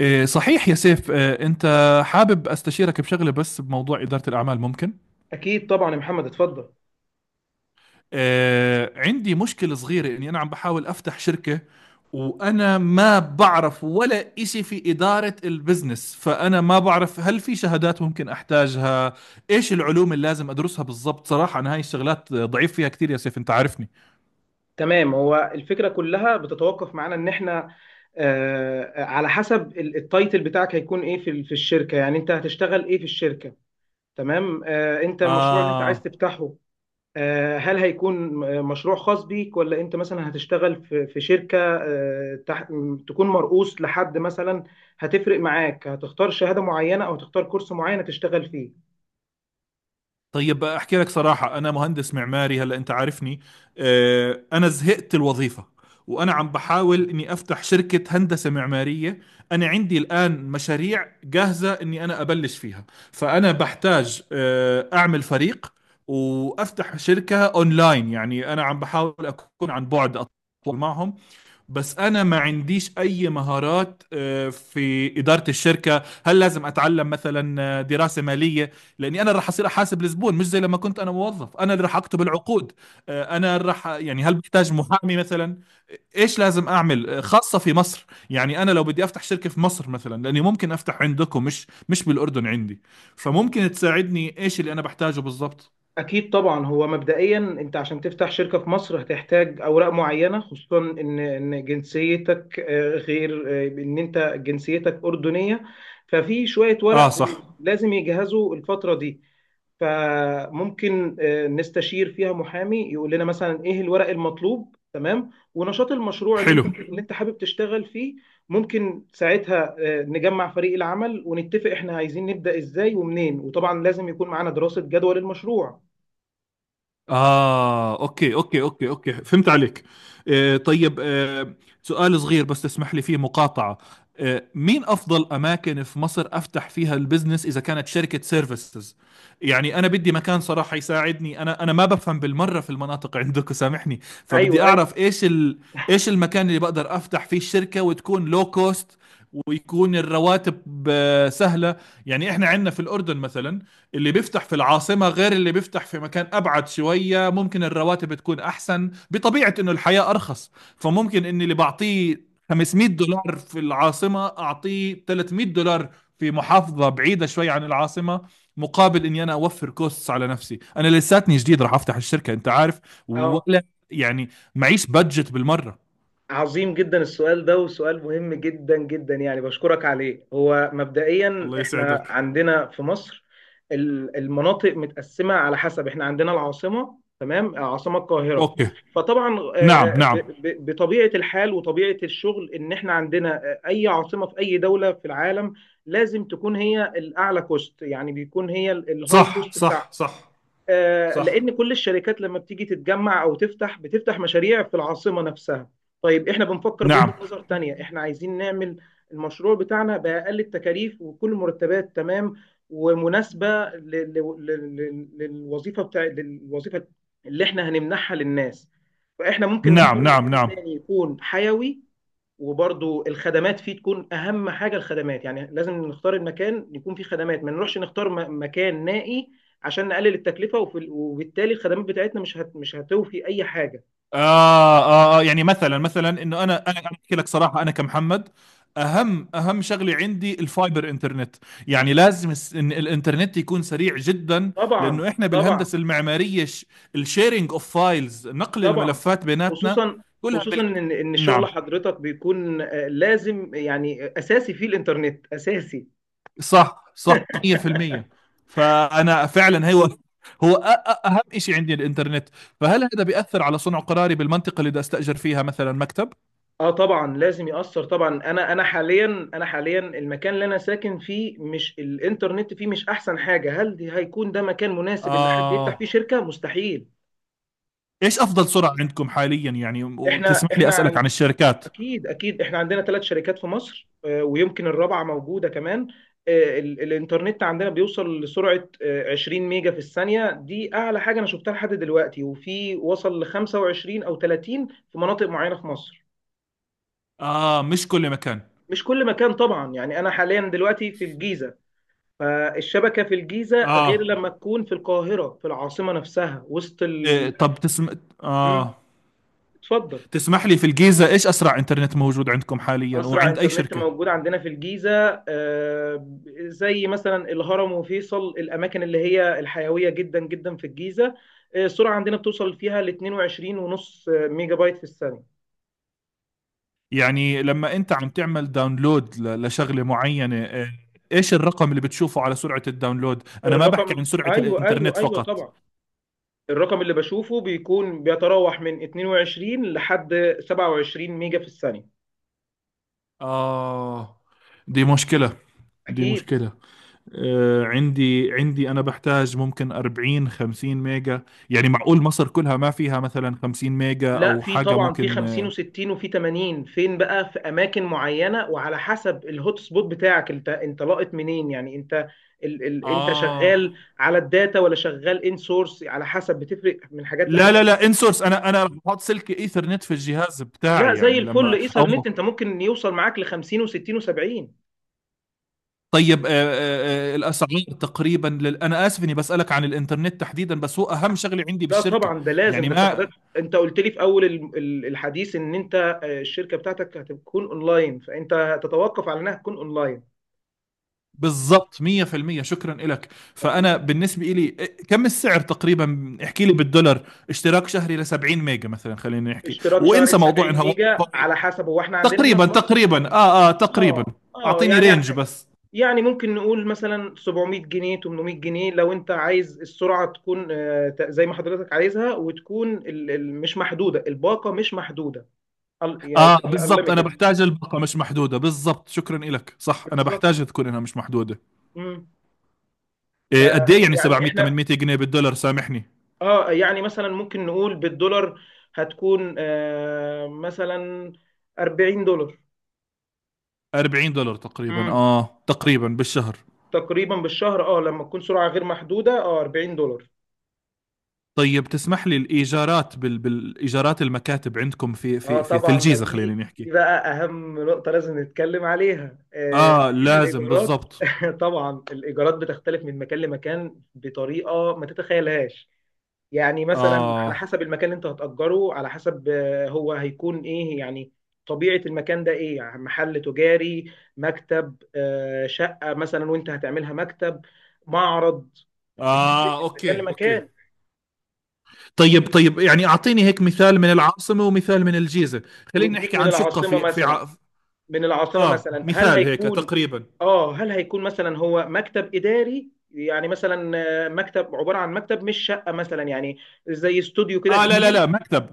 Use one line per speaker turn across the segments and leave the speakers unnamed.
إيه صحيح يا سيف، إيه أنت حابب أستشيرك بشغلة بس بموضوع إدارة الأعمال، ممكن؟
أكيد طبعا يا محمد، اتفضل.
إيه عندي مشكلة صغيرة إني أنا عم بحاول أفتح شركة، وأنا ما بعرف ولا إشي في إدارة البزنس، فأنا ما بعرف هل في شهادات ممكن أحتاجها، إيش العلوم اللي لازم أدرسها بالضبط. صراحة أنا هاي الشغلات ضعيف فيها كتير يا سيف، أنت عارفني.
تمام، هو الفكرة كلها بتتوقف معانا إن إحنا على حسب التايتل بتاعك هيكون إيه في في الشركة؟ يعني أنت هتشتغل إيه في الشركة؟ تمام. أنت المشروع اللي أنت عايز
آه
تفتحه هل هيكون مشروع خاص بيك، ولا أنت مثلا هتشتغل في شركة تكون مرؤوس لحد مثلا؟ هتفرق معاك، هتختار شهادة معينة أو تختار كورس معين تشتغل فيه.
طيب، احكي لك صراحة، انا مهندس معماري، هلا انت عارفني. انا زهقت الوظيفة، وانا عم بحاول اني افتح شركة هندسة معمارية. انا عندي الان مشاريع جاهزة اني ابلش فيها. فانا بحتاج اعمل فريق وافتح شركة اونلاين، يعني انا عم بحاول اكون عن بعد أتواصل معهم. بس انا ما عنديش اي مهارات في اداره الشركه، هل لازم اتعلم مثلا دراسه ماليه؟ لاني انا اللي راح اصير احاسب الزبون، مش زي لما كنت انا موظف، انا اللي راح اكتب العقود. انا اللي راح، يعني هل بحتاج محامي مثلا؟ ايش لازم اعمل خاصه في مصر؟ يعني انا لو بدي افتح شركه في مصر مثلا، لاني ممكن افتح عندكم مش بالاردن عندي. فممكن تساعدني ايش اللي انا بحتاجه بالضبط.
أكيد طبعا. هو مبدئيا أنت عشان تفتح شركة في مصر هتحتاج أوراق معينة، خصوصا إن جنسيتك غير، إن أنت جنسيتك أردنية. ففي شوية
اه
ورق
صح.
لازم يجهزوا الفترة دي. فممكن نستشير فيها محامي يقول لنا مثلا إيه الورق المطلوب، تمام، ونشاط المشروع
حلو.
اللي أنت حابب تشتغل فيه. ممكن ساعتها نجمع فريق العمل ونتفق إحنا عايزين نبدأ إزاي ومنين، وطبعا لازم يكون معانا دراسة جدوى للمشروع.
أوكي أوكي أوكي أوكي، فهمت عليك. آه طيب آه، سؤال صغير بس تسمح لي فيه مقاطعة. آه، مين أفضل أماكن في مصر أفتح فيها البزنس إذا كانت شركة سيرفيسز؟ يعني أنا بدي مكان صراحة يساعدني، أنا ما بفهم بالمرة في المناطق عندك، سامحني. فبدي
ايوه ايوه.
أعرف إيش المكان اللي بقدر أفتح فيه الشركة، وتكون لو كوست، ويكون الرواتب سهلة. يعني إحنا عندنا في الأردن مثلا، اللي بيفتح في العاصمة غير اللي بيفتح في مكان أبعد شوية، ممكن الرواتب تكون أحسن بطبيعة إنه الحياة أرخص، فممكن إني اللي بعطيه 500 دولار في العاصمة أعطيه 300 دولار في محافظة بعيدة شوي عن العاصمة، مقابل إني أنا أوفر كوستس على نفسي، أنا لساتني جديد راح أفتح الشركة، أنت عارف
اه.
ولا؟ يعني معيش بادجت بالمرة.
عظيم جدا السؤال ده، وسؤال مهم جدا جدا. يعني بشكرك عليه. هو مبدئيا
الله
احنا
يسعدك.
عندنا في مصر المناطق متقسمة، على حسب. احنا عندنا العاصمة، تمام، عاصمة القاهرة.
أوكي.
فطبعا
نعم
آه، ب-
نعم.
بطبيعة الحال وطبيعة الشغل ان احنا عندنا اي عاصمة في اي دولة في العالم لازم تكون هي الاعلى كوست. يعني بيكون هي الهاي
صح
كوست
صح
بتاعها.
صح صح.
لان كل الشركات لما بتيجي تتجمع او تفتح بتفتح مشاريع في العاصمه نفسها. طيب، احنا بنفكر
نعم
بوجهه نظر تانية. احنا عايزين نعمل المشروع بتاعنا باقل التكاليف، وكل المرتبات تمام ومناسبه للوظيفه للوظيفه اللي احنا هنمنحها للناس. فاحنا ممكن
نعم
نختار
نعم
مكان
نعم.
تاني يكون حيوي، وبرضو الخدمات فيه تكون اهم حاجه. الخدمات يعني لازم نختار المكان يكون فيه خدمات، ما نروحش نختار مكان نائي عشان نقلل التكلفه، وبالتالي الخدمات بتاعتنا مش هتوفي اي حاجه.
يعني مثلا انه انا انا أنا احكي لك صراحه، انا كمحمد اهم شغله عندي الفايبر انترنت، يعني لازم إن الانترنت يكون سريع جدا،
طبعا
لانه احنا
طبعا
بالهندسه المعماريه، الشيرنج اوف فايلز، نقل
طبعا.
الملفات بيناتنا
خصوصا
كلها.
خصوصا ان شغل
نعم.
حضرتك بيكون لازم، يعني اساسي فيه الانترنت، اساسي.
صح صح. 100%. فانا فعلا اهم شيء عندي الانترنت. فهل هذا بيأثر على صنع قراري بالمنطقه اللي بدي استأجر فيها مثلا مكتب؟
اه طبعا لازم يأثر طبعا. انا حاليا، حاليا المكان اللي انا ساكن فيه مش الانترنت فيه مش احسن حاجه. هل دي هيكون ده مكان مناسب ان حد يفتح فيه
آه،
شركه؟ مستحيل.
ايش افضل سرعه عندكم حاليا يعني؟
احنا
وتسمح لي
احنا
اسالك
عن
عن الشركات.
اكيد اكيد، احنا عندنا ثلاث شركات في مصر، ويمكن الرابعه موجوده كمان. الانترنت عندنا بيوصل لسرعه 20 ميجا في الثانيه، دي اعلى حاجه انا شفتها لحد دلوقتي. وفي وصل ل 25 او 30 في مناطق معينه في مصر.
اه، مش كل مكان.
مش كل مكان طبعا. يعني انا حاليا دلوقتي في الجيزه، فالشبكة في الجيزة غير
اه.
لما تكون في القاهرة في العاصمة نفسها، وسط
إيه
ال...
طب تسم...
مم،
اه،
اتفضل.
تسمح لي، في الجيزه ايش اسرع انترنت موجود عندكم حاليا
أسرع
وعند اي
إنترنت
شركه؟
موجود عندنا في الجيزة، زي مثلا الهرم وفيصل، الأماكن اللي هي الحيوية جدا جدا في الجيزة، السرعة عندنا بتوصل فيها ل 22 ونص ميجا بايت في الثانية.
يعني لما انت عم تعمل داونلود لشغله معينه، إيه، ايش الرقم اللي بتشوفه على سرعه الداونلود؟ انا ما بحكي
الرقم،
عن سرعه
أيوه
الانترنت
أيوه أيوه،
فقط.
طبعا. الرقم اللي بشوفه بيكون بيتراوح من 22 لحد 27 ميجا في الثانية.
اه، دي مشكله دي
أكيد.
مشكله آه، عندي أنا بحتاج ممكن 40 50 ميجا، يعني معقول مصر كلها ما فيها مثلا 50 ميجا
لا،
أو
في
حاجة
طبعا، في
ممكن؟
50 و60 وفي 80، فين بقى؟ في اماكن معينه، وعلى حسب الهوت سبوت بتاعك. انت لاقط منين؟ يعني انت ال ال انت
اه
شغال على الداتا ولا شغال ان سورس؟ على حسب، بتفرق من حاجات
لا لا
لحاجات.
لا، انسورس، أنا رح بحط سلك إيثرنت في الجهاز
لا،
بتاعي،
زي
يعني
الفل
لما
ايثر
أو.
نت انت ممكن يوصل معاك ل 50 و60 و70.
طيب الأسعار تقريبا أنا آسف إني بسألك عن الإنترنت تحديدا، بس هو أهم شغلة عندي
لا
بالشركة،
طبعا ده لازم.
يعني
ده انت،
ما.
حضرتك انت قلت لي في اول الحديث ان انت الشركه بتاعتك هتكون اونلاين، فانت تتوقف على انها تكون اونلاين.
بالضبط، 100%، شكرا لك. فانا بالنسبه لي، كم السعر تقريبا؟ احكي لي بالدولار، اشتراك شهري ل 70 ميجا مثلا، خلينا نحكي،
اشتراك شهري
وانسى
ب
موضوع
70
انها واي
ميجا، على
فاي.
حسب. هو احنا عندنا هنا
تقريبا
في مصر
تقريبا اه اه تقريبا.
اه
اعطيني
يعني،
رينج بس.
ممكن نقول مثلا 700 جنيه، 800 جنيه، لو انت عايز السرعه تكون زي ما حضرتك عايزها، وتكون مش محدوده. الباقه مش محدوده، يعني
اه
تبقى
بالضبط، انا
انليميتد.
بحتاج الباقه مش محدوده، بالضبط شكرا لك، صح، انا
بالظبط.
بحتاج تكون انها مش محدوده.
امم
إيه قد ايه يعني
فيعني
700
احنا،
800 جنيه بالدولار، سامحني؟
اه يعني مثلا ممكن نقول بالدولار، هتكون آه مثلا 40 دولار.
40 دولار تقريبا،
امم
اه تقريبا بالشهر.
تقريبا بالشهر، اه لما تكون سرعه غير محدوده، اه، 40 دولار.
طيب تسمح لي الايجارات بالايجارات المكاتب عندكم في
اه
في في, في
طبعا ده،
الجيزه، خلينا
دي
نحكي.
دي بقى اهم نقطه لازم نتكلم عليها، آه،
اه
لان
لازم
الايجارات
بالضبط.
طبعا الايجارات بتختلف من مكان لمكان بطريقه ما تتخيلهاش. يعني مثلا على
اه
حسب المكان اللي انت هتأجره، على حسب هو هيكون ايه يعني، طبيعه المكان ده ايه يعني، محل تجاري، مكتب، آه شقه مثلا وانت هتعملها مكتب، معرض. بتفرق
اه،
من مكان
اوكي اوكي.
لمكان.
طيب طيب، يعني اعطيني هيك مثال من العاصمه ومثال من الجيزه. خلينا نحكي
نديك من
عن شقه
العاصمه مثلا. من العاصمة
اه،
مثلا هل
مثال هيك
هيكون،
تقريبا.
اه هل هيكون مثلا هو مكتب إداري يعني مثلا، مكتب عبارة عن مكتب مش شقة مثلا، يعني زي استوديو كده
اه لا لا لا،
كبير.
مكتب.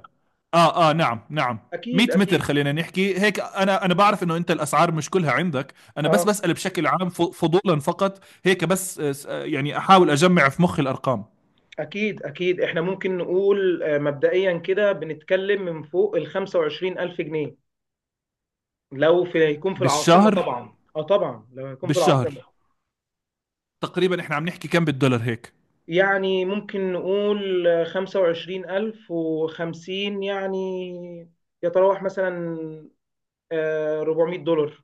اه اه نعم نعم. 100
أكيد
متر
أكيد.
خلينا نحكي هيك. انا بعرف انه انت الاسعار مش كلها عندك، انا بس
اه
بسأل بشكل عام، فضولا فقط هيك بس آه، يعني احاول اجمع في مخي الارقام.
أكيد أكيد. إحنا ممكن نقول مبدئيا كده بنتكلم من فوق ال 25 ألف جنيه، لو في هيكون في العاصمة
بالشهر
طبعا. اه طبعا لو هيكون في العاصمة
بالشهر تقريبا، احنا عم نحكي كم بالدولار هيك؟
يعني ممكن نقول 25 ألف وخمسين يعني، يتراوح مثلا آه 400 دولار.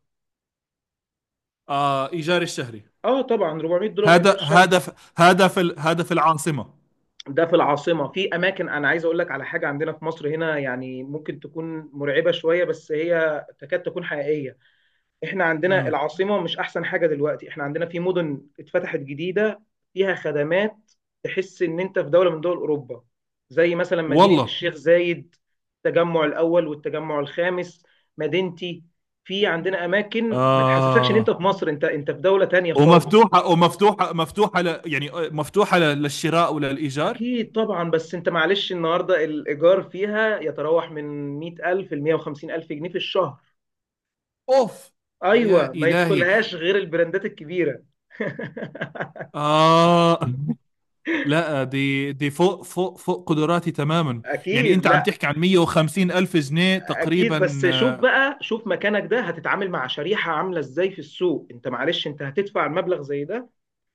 اه، ايجار الشهري.
اه طبعا 400 دولار ايجار
هذا
شهر.
هذا في- هذا في العاصمة.
ده في العاصمه. في اماكن انا عايز اقول لك على حاجه عندنا في مصر هنا، يعني ممكن تكون مرعبه شويه بس هي تكاد تكون حقيقيه. احنا عندنا
امم.
العاصمه مش احسن حاجه دلوقتي. احنا عندنا في مدن اتفتحت جديده فيها خدمات، تحس ان انت في دوله من دول اوروبا، زي مثلا مدينه
والله.
الشيخ زايد، التجمع الاول والتجمع الخامس، مدينتي. في عندنا اماكن ما تحسسكش ان انت
آه.
في مصر، انت في دوله تانية خالص.
ومفتوحة ومفتوحة مفتوحة ل، يعني مفتوحة للشراء وللإيجار.
أكيد طبعا. بس أنت معلش، النهاردة الإيجار فيها يتراوح من 100,000 ل 150,000 جنيه في الشهر.
اوف.
أيوة،
يا
ما
الهي.
يدخلهاش غير البراندات الكبيرة.
اه لا، دي فوق فوق فوق قدراتي تماما. يعني
اكيد.
انت عم
لا،
تحكي عن 150 الف جنيه
اكيد.
تقريبا.
بس شوف بقى، شوف مكانك ده هتتعامل مع شريحه عامله ازاي في السوق. انت معلش انت هتدفع المبلغ زي ده،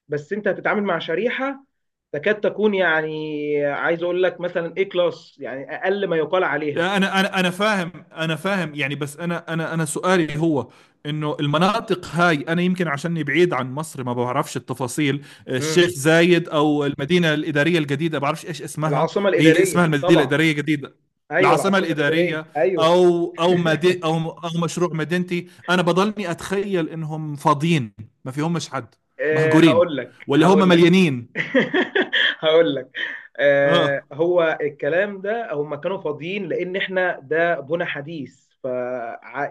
بس انت هتتعامل مع شريحه تكاد تكون، يعني، عايز اقول لك مثلا ايه، كلاس. يعني اقل ما يقال عليها.
يعني انا فاهم، انا فاهم يعني، بس انا سؤالي هو، انه المناطق هاي انا يمكن عشاني بعيد عن مصر ما بعرفش التفاصيل. الشيخ
امم
زايد او المدينه الاداريه الجديده، بعرفش ايش اسمها،
العاصمه
هي اسمها
الاداريه
المدينه
طبعا.
الاداريه الجديده،
ايوه
العاصمه
العاصمه الاداريه
الاداريه.
ايوه.
او مشروع مدينتي، انا بضلني اتخيل انهم فاضيين، ما فيهمش حد،
أه هقول
مهجورين
لك
ولا هم
هقول لك.
مليانين؟
هقول لك. أه،
اه
هو الكلام ده، هم كانوا فاضيين لان احنا ده بنا حديث. ف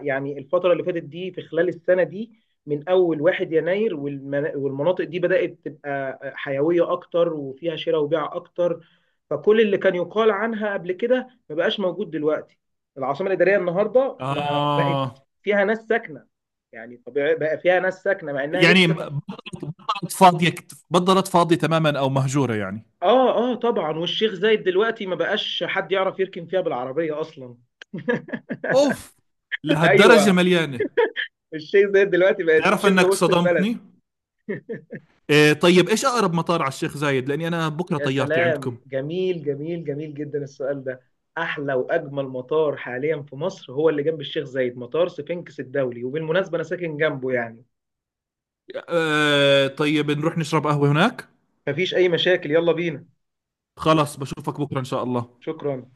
يعني الفتره اللي فاتت دي، في خلال السنه دي من اول 1 يناير، والمناطق دي بدات تبقى حيويه اكتر وفيها شراء وبيع اكتر. فكل اللي كان يقال عنها قبل كده ما بقاش موجود دلوقتي. العاصمه الاداريه النهارده ما بقت
اه
فيها ناس ساكنه. يعني طبيعي بقى فيها ناس ساكنه مع انها لسه.
يعني فاضيه، بطلت فاضيه تماما او مهجوره يعني.
اه اه طبعا. والشيخ زايد دلوقتي ما بقاش حد يعرف يركن فيها بالعربية اصلا.
اوف، لهالدرجه
ايوه.
مليانه؟
الشيخ زايد دلوقتي بقت
تعرف
شبه
انك
وسط البلد.
صدمتني. إيه طيب، ايش اقرب مطار على الشيخ زايد، لاني انا بكره
يا
طيارتي
سلام،
عندكم.
جميل جميل جميل جدا السؤال ده. احلى واجمل مطار حاليا في مصر هو اللي جنب الشيخ زايد، مطار سفنكس الدولي، وبالمناسبة انا ساكن جنبه يعني.
إيه طيب نروح نشرب قهوه هناك.
مفيش اي مشاكل، يلا بينا.
خلاص بشوفك بكره ان شاء الله.
شكرا.